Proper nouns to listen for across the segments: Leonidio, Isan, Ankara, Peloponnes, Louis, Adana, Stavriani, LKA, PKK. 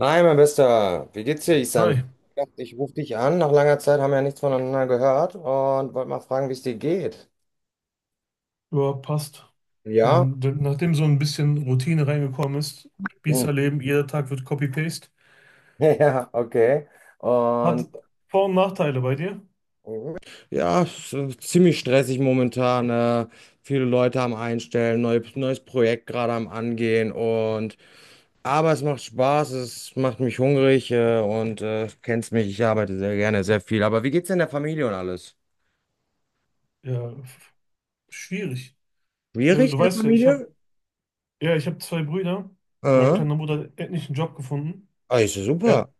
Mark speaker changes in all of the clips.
Speaker 1: Hi, mein Bester. Wie geht's dir, Isan? Ich
Speaker 2: Hi,
Speaker 1: dachte, ich rufe dich an. Nach langer Zeit haben wir ja nichts voneinander gehört und wollte mal fragen, wie es dir geht.
Speaker 2: ja, passt.
Speaker 1: Ja?
Speaker 2: Nachdem so ein bisschen Routine reingekommen ist,
Speaker 1: Hm.
Speaker 2: Spießerleben, jeder Tag wird Copy-Paste,
Speaker 1: Ja, okay. Und
Speaker 2: hat Vor- und Nachteile bei dir.
Speaker 1: ja, es ist ziemlich stressig momentan. Viele Leute am Einstellen, neu, neues Projekt gerade am Angehen und aber es macht Spaß, es macht mich hungrig und kennst mich, ich arbeite sehr gerne, sehr viel. Aber wie geht's denn der Familie und alles?
Speaker 2: Ja, schwierig. Ja,
Speaker 1: Schwierig
Speaker 2: du
Speaker 1: der
Speaker 2: weißt ja,
Speaker 1: Familie?
Speaker 2: ich hab zwei Brüder. Mein
Speaker 1: Äh,
Speaker 2: kleiner Bruder hat endlich einen Job gefunden.
Speaker 1: ah, ist ja super.
Speaker 2: Er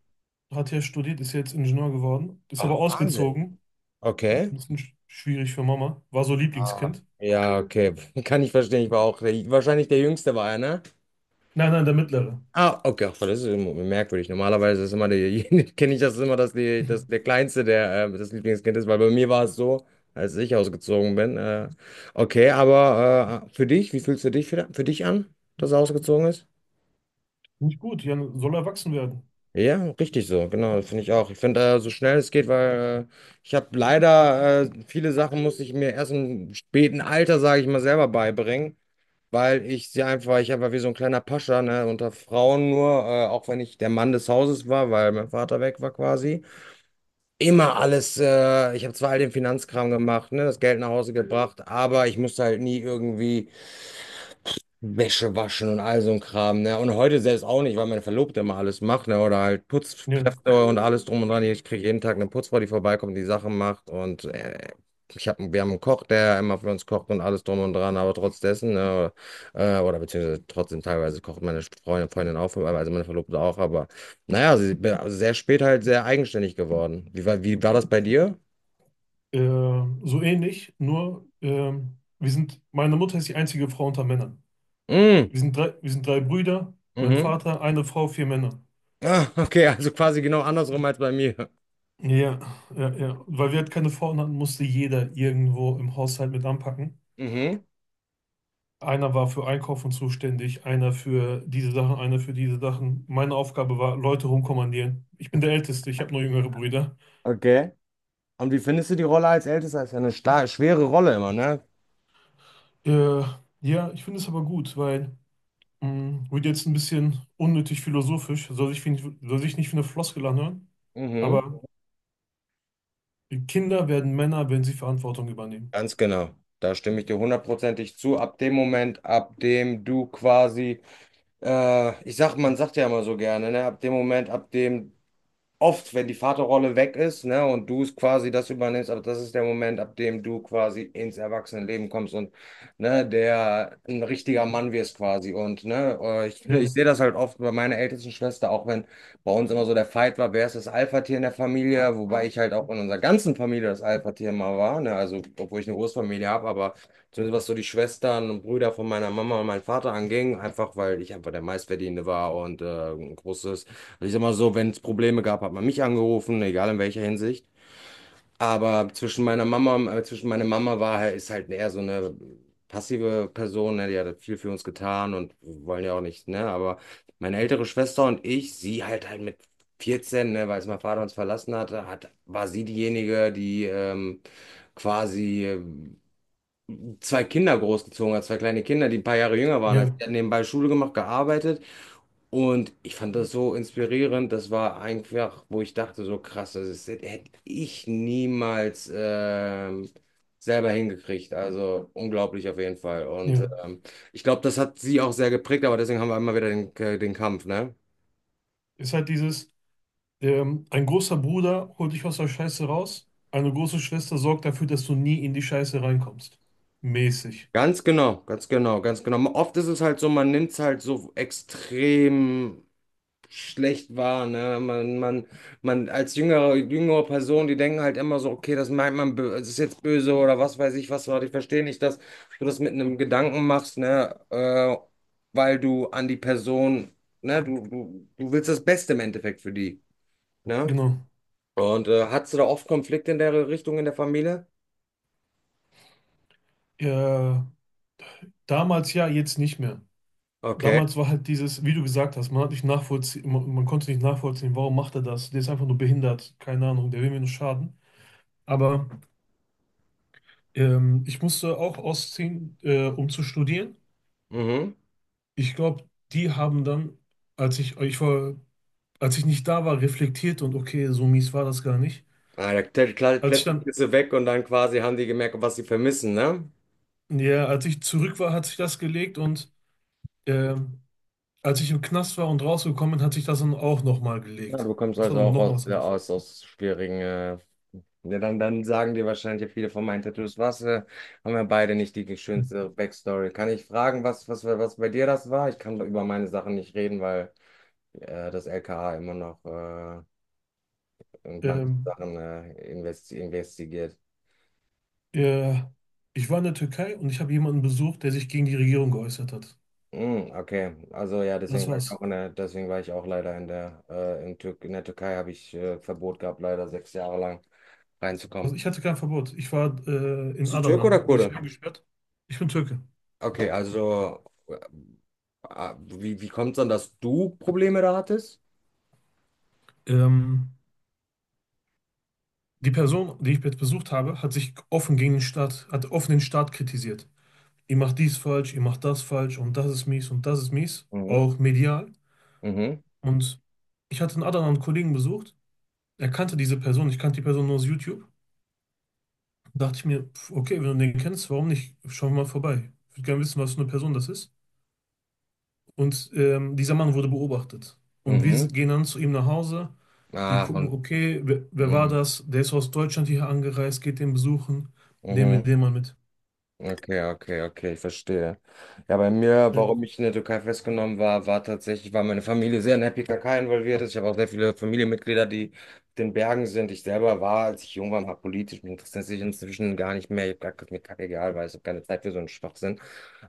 Speaker 2: hat hier studiert, ist jetzt Ingenieur geworden, ist
Speaker 1: Ach,
Speaker 2: aber
Speaker 1: Wahnsinn.
Speaker 2: ausgezogen.
Speaker 1: Okay.
Speaker 2: Ein bisschen schwierig für Mama. War so
Speaker 1: Ah,
Speaker 2: Lieblingskind.
Speaker 1: ja, okay. Kann ich verstehen. Ich war auch der, wahrscheinlich der Jüngste war er, ne?
Speaker 2: Nein, nein, der Mittlere.
Speaker 1: Ah, okay. Ach, das ist immer merkwürdig. Normalerweise ist immer der, kenne ich das immer, dass, die, dass der Kleinste der das Lieblingskind ist, weil bei mir war es so, als ich ausgezogen bin. Okay, aber für dich, wie fühlst du dich für dich an, dass er ausgezogen ist?
Speaker 2: Nicht gut, Jan soll erwachsen werden.
Speaker 1: Ja, richtig so, genau, das finde ich auch. Ich finde, so schnell es geht, weil ich habe leider viele Sachen musste ich mir erst im späten Alter, sage ich mal, selber beibringen. Weil ich sie einfach, weil ich einfach wie so ein kleiner Pascha, ne, unter Frauen nur, auch wenn ich der Mann des Hauses war, weil mein Vater weg war quasi. Immer alles, ich habe zwar all den Finanzkram gemacht, ne, das Geld nach Hause gebracht, aber ich musste halt nie irgendwie Wäsche waschen und all so ein Kram, ne? Und heute selbst auch nicht, weil meine Verlobte immer alles macht, ne? Oder halt
Speaker 2: Ja.
Speaker 1: Putzkräfte und alles drum und dran. Ich kriege jeden Tag eine Putzfrau, die vorbeikommt, die Sachen macht. Und ich hab, wir haben einen Koch, der immer für uns kocht und alles drum und dran. Aber trotz dessen, ne? Oder beziehungsweise trotzdem teilweise kocht meine Freundin auch, für- also meine Verlobte auch. Aber naja, sie bin sehr spät halt sehr eigenständig geworden. Wie war das bei dir?
Speaker 2: So ähnlich, nur wir sind, meine Mutter ist die einzige Frau unter Männern.
Speaker 1: Mm,
Speaker 2: Wir sind drei Brüder, mein
Speaker 1: mhm.
Speaker 2: Vater, eine Frau, vier Männer.
Speaker 1: Ah, okay, also quasi genau andersrum als bei mir.
Speaker 2: Ja, ja, ja. Weil wir halt keine Frauen hatten, musste jeder irgendwo im Haushalt mit anpacken.
Speaker 1: Mhm.
Speaker 2: Einer war für Einkaufen zuständig, einer für diese Sachen, einer für diese Sachen. Meine Aufgabe war, Leute rumkommandieren. Ich bin der Älteste, ich habe nur jüngere Brüder.
Speaker 1: Okay. Und wie findest du die Rolle als Ältester? Ist ja eine starke, schwere Rolle immer, ne?
Speaker 2: Äh, ja, ich finde es aber gut, weil wird jetzt ein bisschen unnötig philosophisch, soll sich nicht wie eine Floskel anhören,
Speaker 1: Mhm.
Speaker 2: aber Kinder werden Männer, wenn sie Verantwortung übernehmen.
Speaker 1: Ganz genau. Da stimme ich dir hundertprozentig zu. Ab dem Moment, ab dem du quasi, ich sag, man sagt ja immer so gerne, ne? Ab dem Moment, ab dem oft, wenn die Vaterrolle weg ist, ne, und du es quasi das übernimmst, aber das ist der Moment, ab dem du quasi ins Erwachsenenleben kommst und ne, der ein richtiger Mann wirst quasi. Und ne, ich
Speaker 2: Ja,
Speaker 1: sehe das halt oft bei meiner ältesten Schwester, auch wenn bei uns immer so der Fight war, wer ist das Alpha-Tier in der Familie, wobei ich halt auch in unserer ganzen Familie das Alpha-Tier mal war, ne, also obwohl ich eine Großfamilie habe, aber zumindest was so die Schwestern und Brüder von meiner Mama und meinem Vater anging, einfach weil ich einfach der Meistverdienende war und ein großes. Also ich sag mal so, wenn es Probleme gab, hat man mich angerufen, egal in welcher Hinsicht. Zwischen meiner Mama war halt, ist halt eher so eine passive Person, ne? Die hat viel für uns getan und wir wollen ja auch nicht, ne? Aber meine ältere Schwester und ich, sie halt mit 14, ne, weil es mein Vater uns verlassen hatte, hat, war sie diejenige, die quasi zwei Kinder großgezogen hat, zwei kleine Kinder, die ein paar Jahre jünger waren als ich.
Speaker 2: ja,
Speaker 1: Die hat nebenbei Schule gemacht, gearbeitet und ich fand das so inspirierend. Das war einfach, wo ich dachte, so krass, das ist, hätte ich niemals selber hingekriegt. Also unglaublich auf jeden Fall. Und
Speaker 2: ja.
Speaker 1: ich glaube, das hat sie auch sehr geprägt, aber deswegen haben wir immer wieder den, den Kampf, ne?
Speaker 2: Ist halt dieses, ein großer Bruder holt dich aus der Scheiße raus, eine große Schwester sorgt dafür, dass du nie in die Scheiße reinkommst. Mäßig.
Speaker 1: Ganz genau, ganz genau, ganz genau. Oft ist es halt so, man nimmt es halt so extrem schlecht wahr, ne? Man als jüngere Person, die denken halt immer so, okay, das meint man, bö- es ist jetzt böse oder was weiß ich, was war, ich verstehe nicht, dass du das mit einem Gedanken machst, ne? Weil du an die Person, ne? Du willst das Beste im Endeffekt für die, ne?
Speaker 2: Genau.
Speaker 1: Und hattest du da oft Konflikte in der Richtung in der Familie?
Speaker 2: Äh, damals ja, jetzt nicht mehr.
Speaker 1: Okay.
Speaker 2: Damals war halt dieses, wie du gesagt hast, man konnte nicht nachvollziehen, warum macht er das? Der ist einfach nur behindert, keine Ahnung, der will mir nur schaden. Aber ich musste auch ausziehen, um zu studieren.
Speaker 1: Mhm.
Speaker 2: Ich glaube, die haben dann, als ich, ich war, als ich nicht da war, reflektiert und okay, so mies war das gar nicht.
Speaker 1: Ah, ja, klar, klar,
Speaker 2: Als ich
Speaker 1: plötzlich
Speaker 2: dann,
Speaker 1: ist du weg und dann quasi haben die gemerkt, was sie vermissen, ne?
Speaker 2: ja, als ich zurück war, hat sich das gelegt und ähm, als ich im Knast war und rausgekommen bin, hat sich das dann auch nochmal
Speaker 1: Ja,
Speaker 2: gelegt.
Speaker 1: du kommst
Speaker 2: Das war
Speaker 1: also
Speaker 2: dann
Speaker 1: auch
Speaker 2: nochmal was
Speaker 1: ja,
Speaker 2: anderes.
Speaker 1: aus schwierigen, ja, dann sagen dir wahrscheinlich viele von meinen Tattoos, was, haben wir beide nicht die schönste Backstory. Kann ich fragen, was bei dir das war? Ich kann über meine Sachen nicht reden, weil das LKA immer noch in manche
Speaker 2: Ähm,
Speaker 1: Sachen investi investigiert.
Speaker 2: äh, ich war in der Türkei und ich habe jemanden besucht, der sich gegen die Regierung geäußert hat.
Speaker 1: Mm, okay, also ja,
Speaker 2: Das
Speaker 1: deswegen war ich
Speaker 2: war's.
Speaker 1: auch in der, deswegen war ich auch leider in der, in, Tür in der Türkei habe ich Verbot gehabt, leider 6 Jahre lang reinzukommen.
Speaker 2: Also ich hatte kein Verbot. Ich war in
Speaker 1: Bist du Türke
Speaker 2: Adana,
Speaker 1: oder
Speaker 2: wurde ich
Speaker 1: Kurde?
Speaker 2: eingesperrt. Ich bin Türke.
Speaker 1: Okay, also ah, wie kommt es dann, dass du Probleme da hattest?
Speaker 2: Ähm, die Person, die ich jetzt besucht habe, hat sich offen gegen den Staat, hat offen den Staat kritisiert. Ihr macht dies falsch, ihr macht das falsch und das ist mies und das ist mies.
Speaker 1: Mhm.
Speaker 2: Auch medial.
Speaker 1: Mhm.
Speaker 2: Und ich hatte in Adana einen Kollegen besucht. Er kannte diese Person. Ich kannte die Person nur aus YouTube. Dachte ich mir, pf, okay, wenn du den kennst, warum nicht? Schauen wir mal vorbei. Ich würde gerne wissen, was für eine Person das ist. Und dieser Mann wurde beobachtet. Und
Speaker 1: Mhm.
Speaker 2: gehen dann zu ihm nach Hause. Die
Speaker 1: Ah,
Speaker 2: gucken,
Speaker 1: und
Speaker 2: okay, wer war
Speaker 1: mhm.
Speaker 2: das? Der ist aus Deutschland hier angereist, geht den besuchen. Nehmen wir
Speaker 1: Mhm.
Speaker 2: den mal mit.
Speaker 1: Okay, okay, okay, ich verstehe. Ja, bei mir,
Speaker 2: Ja,
Speaker 1: warum ich in der Türkei festgenommen war, war tatsächlich, war meine Familie sehr in der PKK involviert ist. Ich habe auch sehr viele Familienmitglieder, die auf den Bergen sind. Ich selber war, als ich jung war, mal politisch. Mich interessiert sich inzwischen gar nicht mehr. Ich habe gesagt, ist mir kackegal, weil ich habe keine Zeit für so einen Schwachsinn.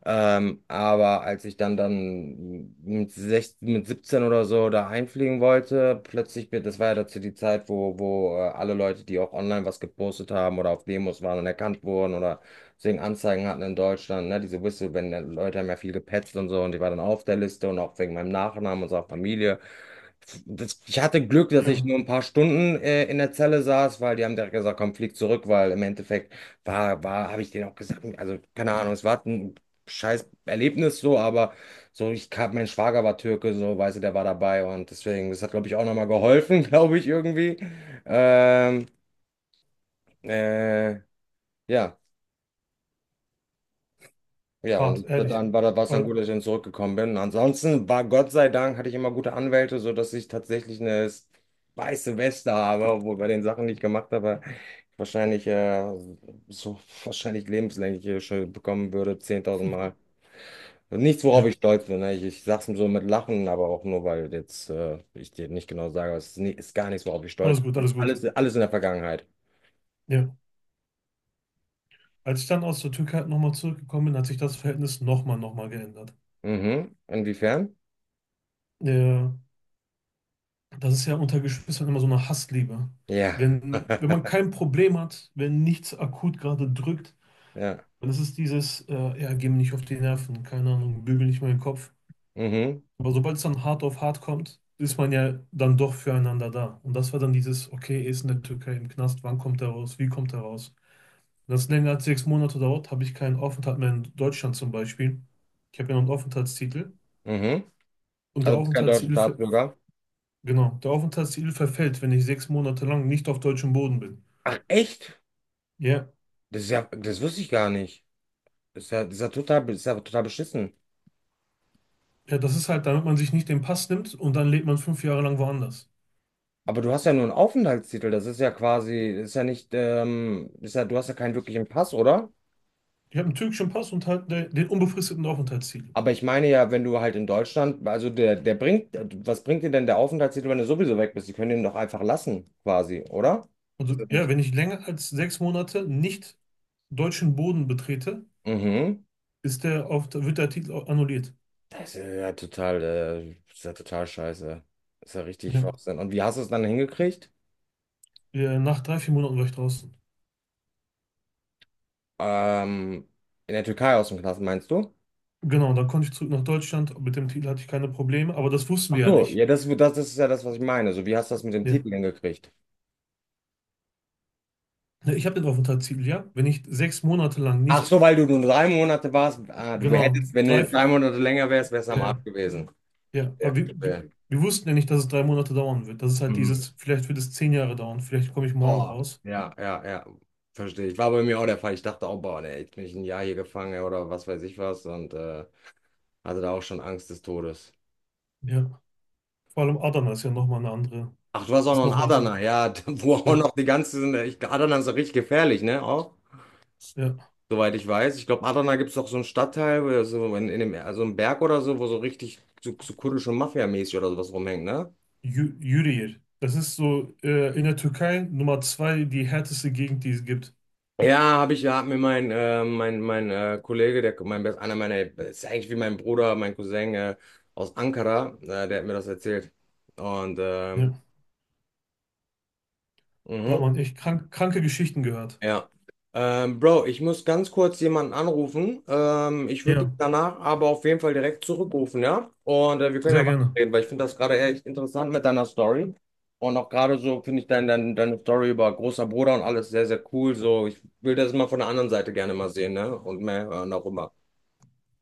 Speaker 1: Aber als ich dann mit, 16, mit 17 oder so da einfliegen wollte, plötzlich, bin- das war ja dazu die Zeit, wo alle Leute, die auch online was gepostet haben oder auf Demos waren und erkannt wurden oder deswegen Anzeigen hatten in Deutschland, ne, diese Whistle, wenn Leute haben ja viel gepetzt und so und ich war dann auf der Liste und auch wegen meinem Nachnamen und so auch Familie. Das, ich hatte Glück, dass ich
Speaker 2: ja,
Speaker 1: nur ein paar Stunden in der Zelle saß, weil die haben direkt gesagt, komm, flieg zurück, weil im Endeffekt habe ich denen auch gesagt, also keine Ahnung, es war ein scheiß Erlebnis so, aber so, ich kam, mein Schwager war Türke, so, weißt du, der war dabei und deswegen, das hat, glaube ich, auch nochmal geholfen, glaube ich, irgendwie. Ähm, äh, ja. Ja,
Speaker 2: hart,
Speaker 1: und
Speaker 2: ehrlich.
Speaker 1: dann war das war es dann
Speaker 2: Aber,
Speaker 1: gut, dass ich dann zurückgekommen bin. Ansonsten war Gott sei Dank, hatte ich immer gute Anwälte, sodass ich tatsächlich eine weiße Weste habe, obwohl bei den Sachen, die ich gemacht habe, wahrscheinlich so wahrscheinlich lebenslänglich schon bekommen würde, 10.000
Speaker 2: hm,
Speaker 1: Mal. Also nichts, worauf
Speaker 2: ja,
Speaker 1: ich stolz bin. Ne? Ich sag's so mit Lachen, aber auch nur, weil jetzt ich dir nicht genau sage, aber es ist, nie, ist gar nichts, worauf ich stolz
Speaker 2: alles gut,
Speaker 1: bin.
Speaker 2: alles gut.
Speaker 1: Alles in der Vergangenheit.
Speaker 2: Ja. Als ich dann aus der Türkei halt nochmal zurückgekommen bin, hat sich das Verhältnis nochmal geändert.
Speaker 1: Mhm. Inwiefern?
Speaker 2: Ja, das ist ja unter Geschwistern immer so eine Hassliebe.
Speaker 1: Ja.
Speaker 2: Wenn man kein Problem hat, wenn nichts akut gerade drückt,
Speaker 1: Ja.
Speaker 2: dann ist es dieses, ja, geh mir nicht auf die Nerven, keine Ahnung, bügel nicht meinen Kopf.
Speaker 1: Mhm.
Speaker 2: Aber sobald es dann hart auf hart kommt, ist man ja dann doch füreinander da. Und das war dann dieses, okay, er ist in der Türkei im Knast, wann kommt er raus, wie kommt er raus? Wenn das länger als 6 Monate dauert, habe ich keinen Aufenthalt mehr in Deutschland zum Beispiel. Ich habe ja noch einen Aufenthaltstitel.
Speaker 1: Mhm.
Speaker 2: Und
Speaker 1: Also, du bist kein deutscher Staatsbürger.
Speaker 2: Genau, der Aufenthaltstitel verfällt, wenn ich 6 Monate lang nicht auf deutschem Boden bin.
Speaker 1: Ach, echt?
Speaker 2: Ja,
Speaker 1: Das ist ja, das wusste ich gar nicht. Das ist ja total beschissen.
Speaker 2: ja, das ist halt, damit man sich nicht den Pass nimmt und dann lebt man 5 Jahre lang woanders.
Speaker 1: Aber du hast ja nur einen Aufenthaltstitel. Das ist ja quasi, das ist ja nicht, das ist ja, du hast ja keinen wirklichen Pass, oder?
Speaker 2: Ich habe einen türkischen Pass und halt den unbefristeten Aufenthaltstitel.
Speaker 1: Aber ich meine ja, wenn du halt in Deutschland, also der bringt, was bringt dir denn der Aufenthaltstitel, wenn du sowieso weg bist? Die können den doch einfach lassen, quasi, oder? Ist
Speaker 2: Also
Speaker 1: das
Speaker 2: ja,
Speaker 1: nicht?
Speaker 2: wenn ich länger als 6 Monate nicht deutschen Boden betrete,
Speaker 1: Mhm.
Speaker 2: wird der Artikel annulliert.
Speaker 1: Das ist ja total scheiße. Das ist ja richtig
Speaker 2: Ja.
Speaker 1: Schwachsinn. Und wie hast du es dann hingekriegt?
Speaker 2: Ja, nach 3, 4 Monaten war ich draußen.
Speaker 1: Ähm, in der Türkei aus dem Knast, meinst du?
Speaker 2: Genau, dann konnte ich zurück nach Deutschland. Mit dem Titel hatte ich keine Probleme, aber das wussten
Speaker 1: Ach
Speaker 2: wir ja
Speaker 1: so,
Speaker 2: nicht.
Speaker 1: ja, das ist ja das, was ich meine. So, wie hast du das mit dem
Speaker 2: Ja.
Speaker 1: Titel hingekriegt?
Speaker 2: Ja, ich habe den Aufenthaltstitel, ja. Wenn ich sechs Monate lang
Speaker 1: Ach
Speaker 2: nicht,
Speaker 1: so, weil du nur drei Monate warst. Ah, du
Speaker 2: genau,
Speaker 1: hättest, wenn du jetzt drei Monate länger wärst, wärst du am
Speaker 2: ja,
Speaker 1: Arsch
Speaker 2: ja,
Speaker 1: gewesen.
Speaker 2: ja.
Speaker 1: Ja,
Speaker 2: Aber
Speaker 1: verstehe.
Speaker 2: wir wussten ja nicht, dass es 3 Monate dauern wird. Das ist halt
Speaker 1: Mhm.
Speaker 2: dieses, vielleicht wird es 10 Jahre dauern, vielleicht komme ich morgen
Speaker 1: Boah,
Speaker 2: raus.
Speaker 1: ja, ja, ja. Verstehe. Ich war bei mir auch der Fall. Ich dachte auch, boah, ne, jetzt bin ich ein Jahr hier gefangen oder was weiß ich was und hatte da auch schon Angst des Todes.
Speaker 2: Ja. Vor allem Adana ist ja nochmal eine andere,
Speaker 1: Ach, du warst auch
Speaker 2: ist
Speaker 1: noch in
Speaker 2: nochmal was
Speaker 1: Adana,
Speaker 2: anderes.
Speaker 1: ja, wo auch
Speaker 2: Ja,
Speaker 1: noch die ganzen, Adana ist doch richtig gefährlich, ne? Auch?
Speaker 2: ja.
Speaker 1: Soweit ich weiß. Ich glaube, Adana gibt es doch so einen Stadtteil, wo so in dem, also einen Berg oder so, wo so richtig so kurdische Mafia-mäßig oder sowas rumhängt, ne?
Speaker 2: Yürüyer. Das ist so in der Türkei Nummer 2 die härteste Gegend, die es gibt.
Speaker 1: Ja, habe ich, ja, hat mir mein, mein Kollege, der, mein, best- einer meiner, ist ja eigentlich wie mein Bruder, mein Cousin aus Ankara, der hat mir das erzählt. Und,
Speaker 2: Ja, da hat
Speaker 1: mhm.
Speaker 2: man echt kranke Geschichten gehört.
Speaker 1: Ja. Bro, ich muss ganz kurz jemanden anrufen. Ich würde dich
Speaker 2: Ja,
Speaker 1: danach aber auf jeden Fall direkt zurückrufen, ja? Und wir können
Speaker 2: sehr
Speaker 1: ja
Speaker 2: gerne.
Speaker 1: weiterreden, weil ich finde das gerade echt interessant mit deiner Story. Und auch gerade so finde ich deine Story über großer Bruder und alles sehr, sehr cool. So, ich will das mal von der anderen Seite gerne mal sehen, ne? Und mehr hören auch immer.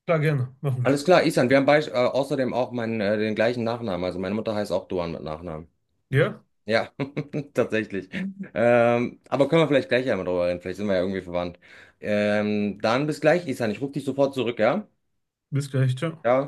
Speaker 2: Klar, gerne. Machen wir.
Speaker 1: Alles klar, Isan, wir haben bei, außerdem auch meinen, den gleichen Nachnamen. Also meine Mutter heißt auch Duan mit Nachnamen.
Speaker 2: Ja,
Speaker 1: Ja, tatsächlich. Aber können wir vielleicht gleich einmal drüber reden. Vielleicht sind wir ja irgendwie verwandt. Dann bis gleich, Isan. Ich rufe dich sofort zurück, ja?
Speaker 2: bis gleich. Ciao.
Speaker 1: Ja.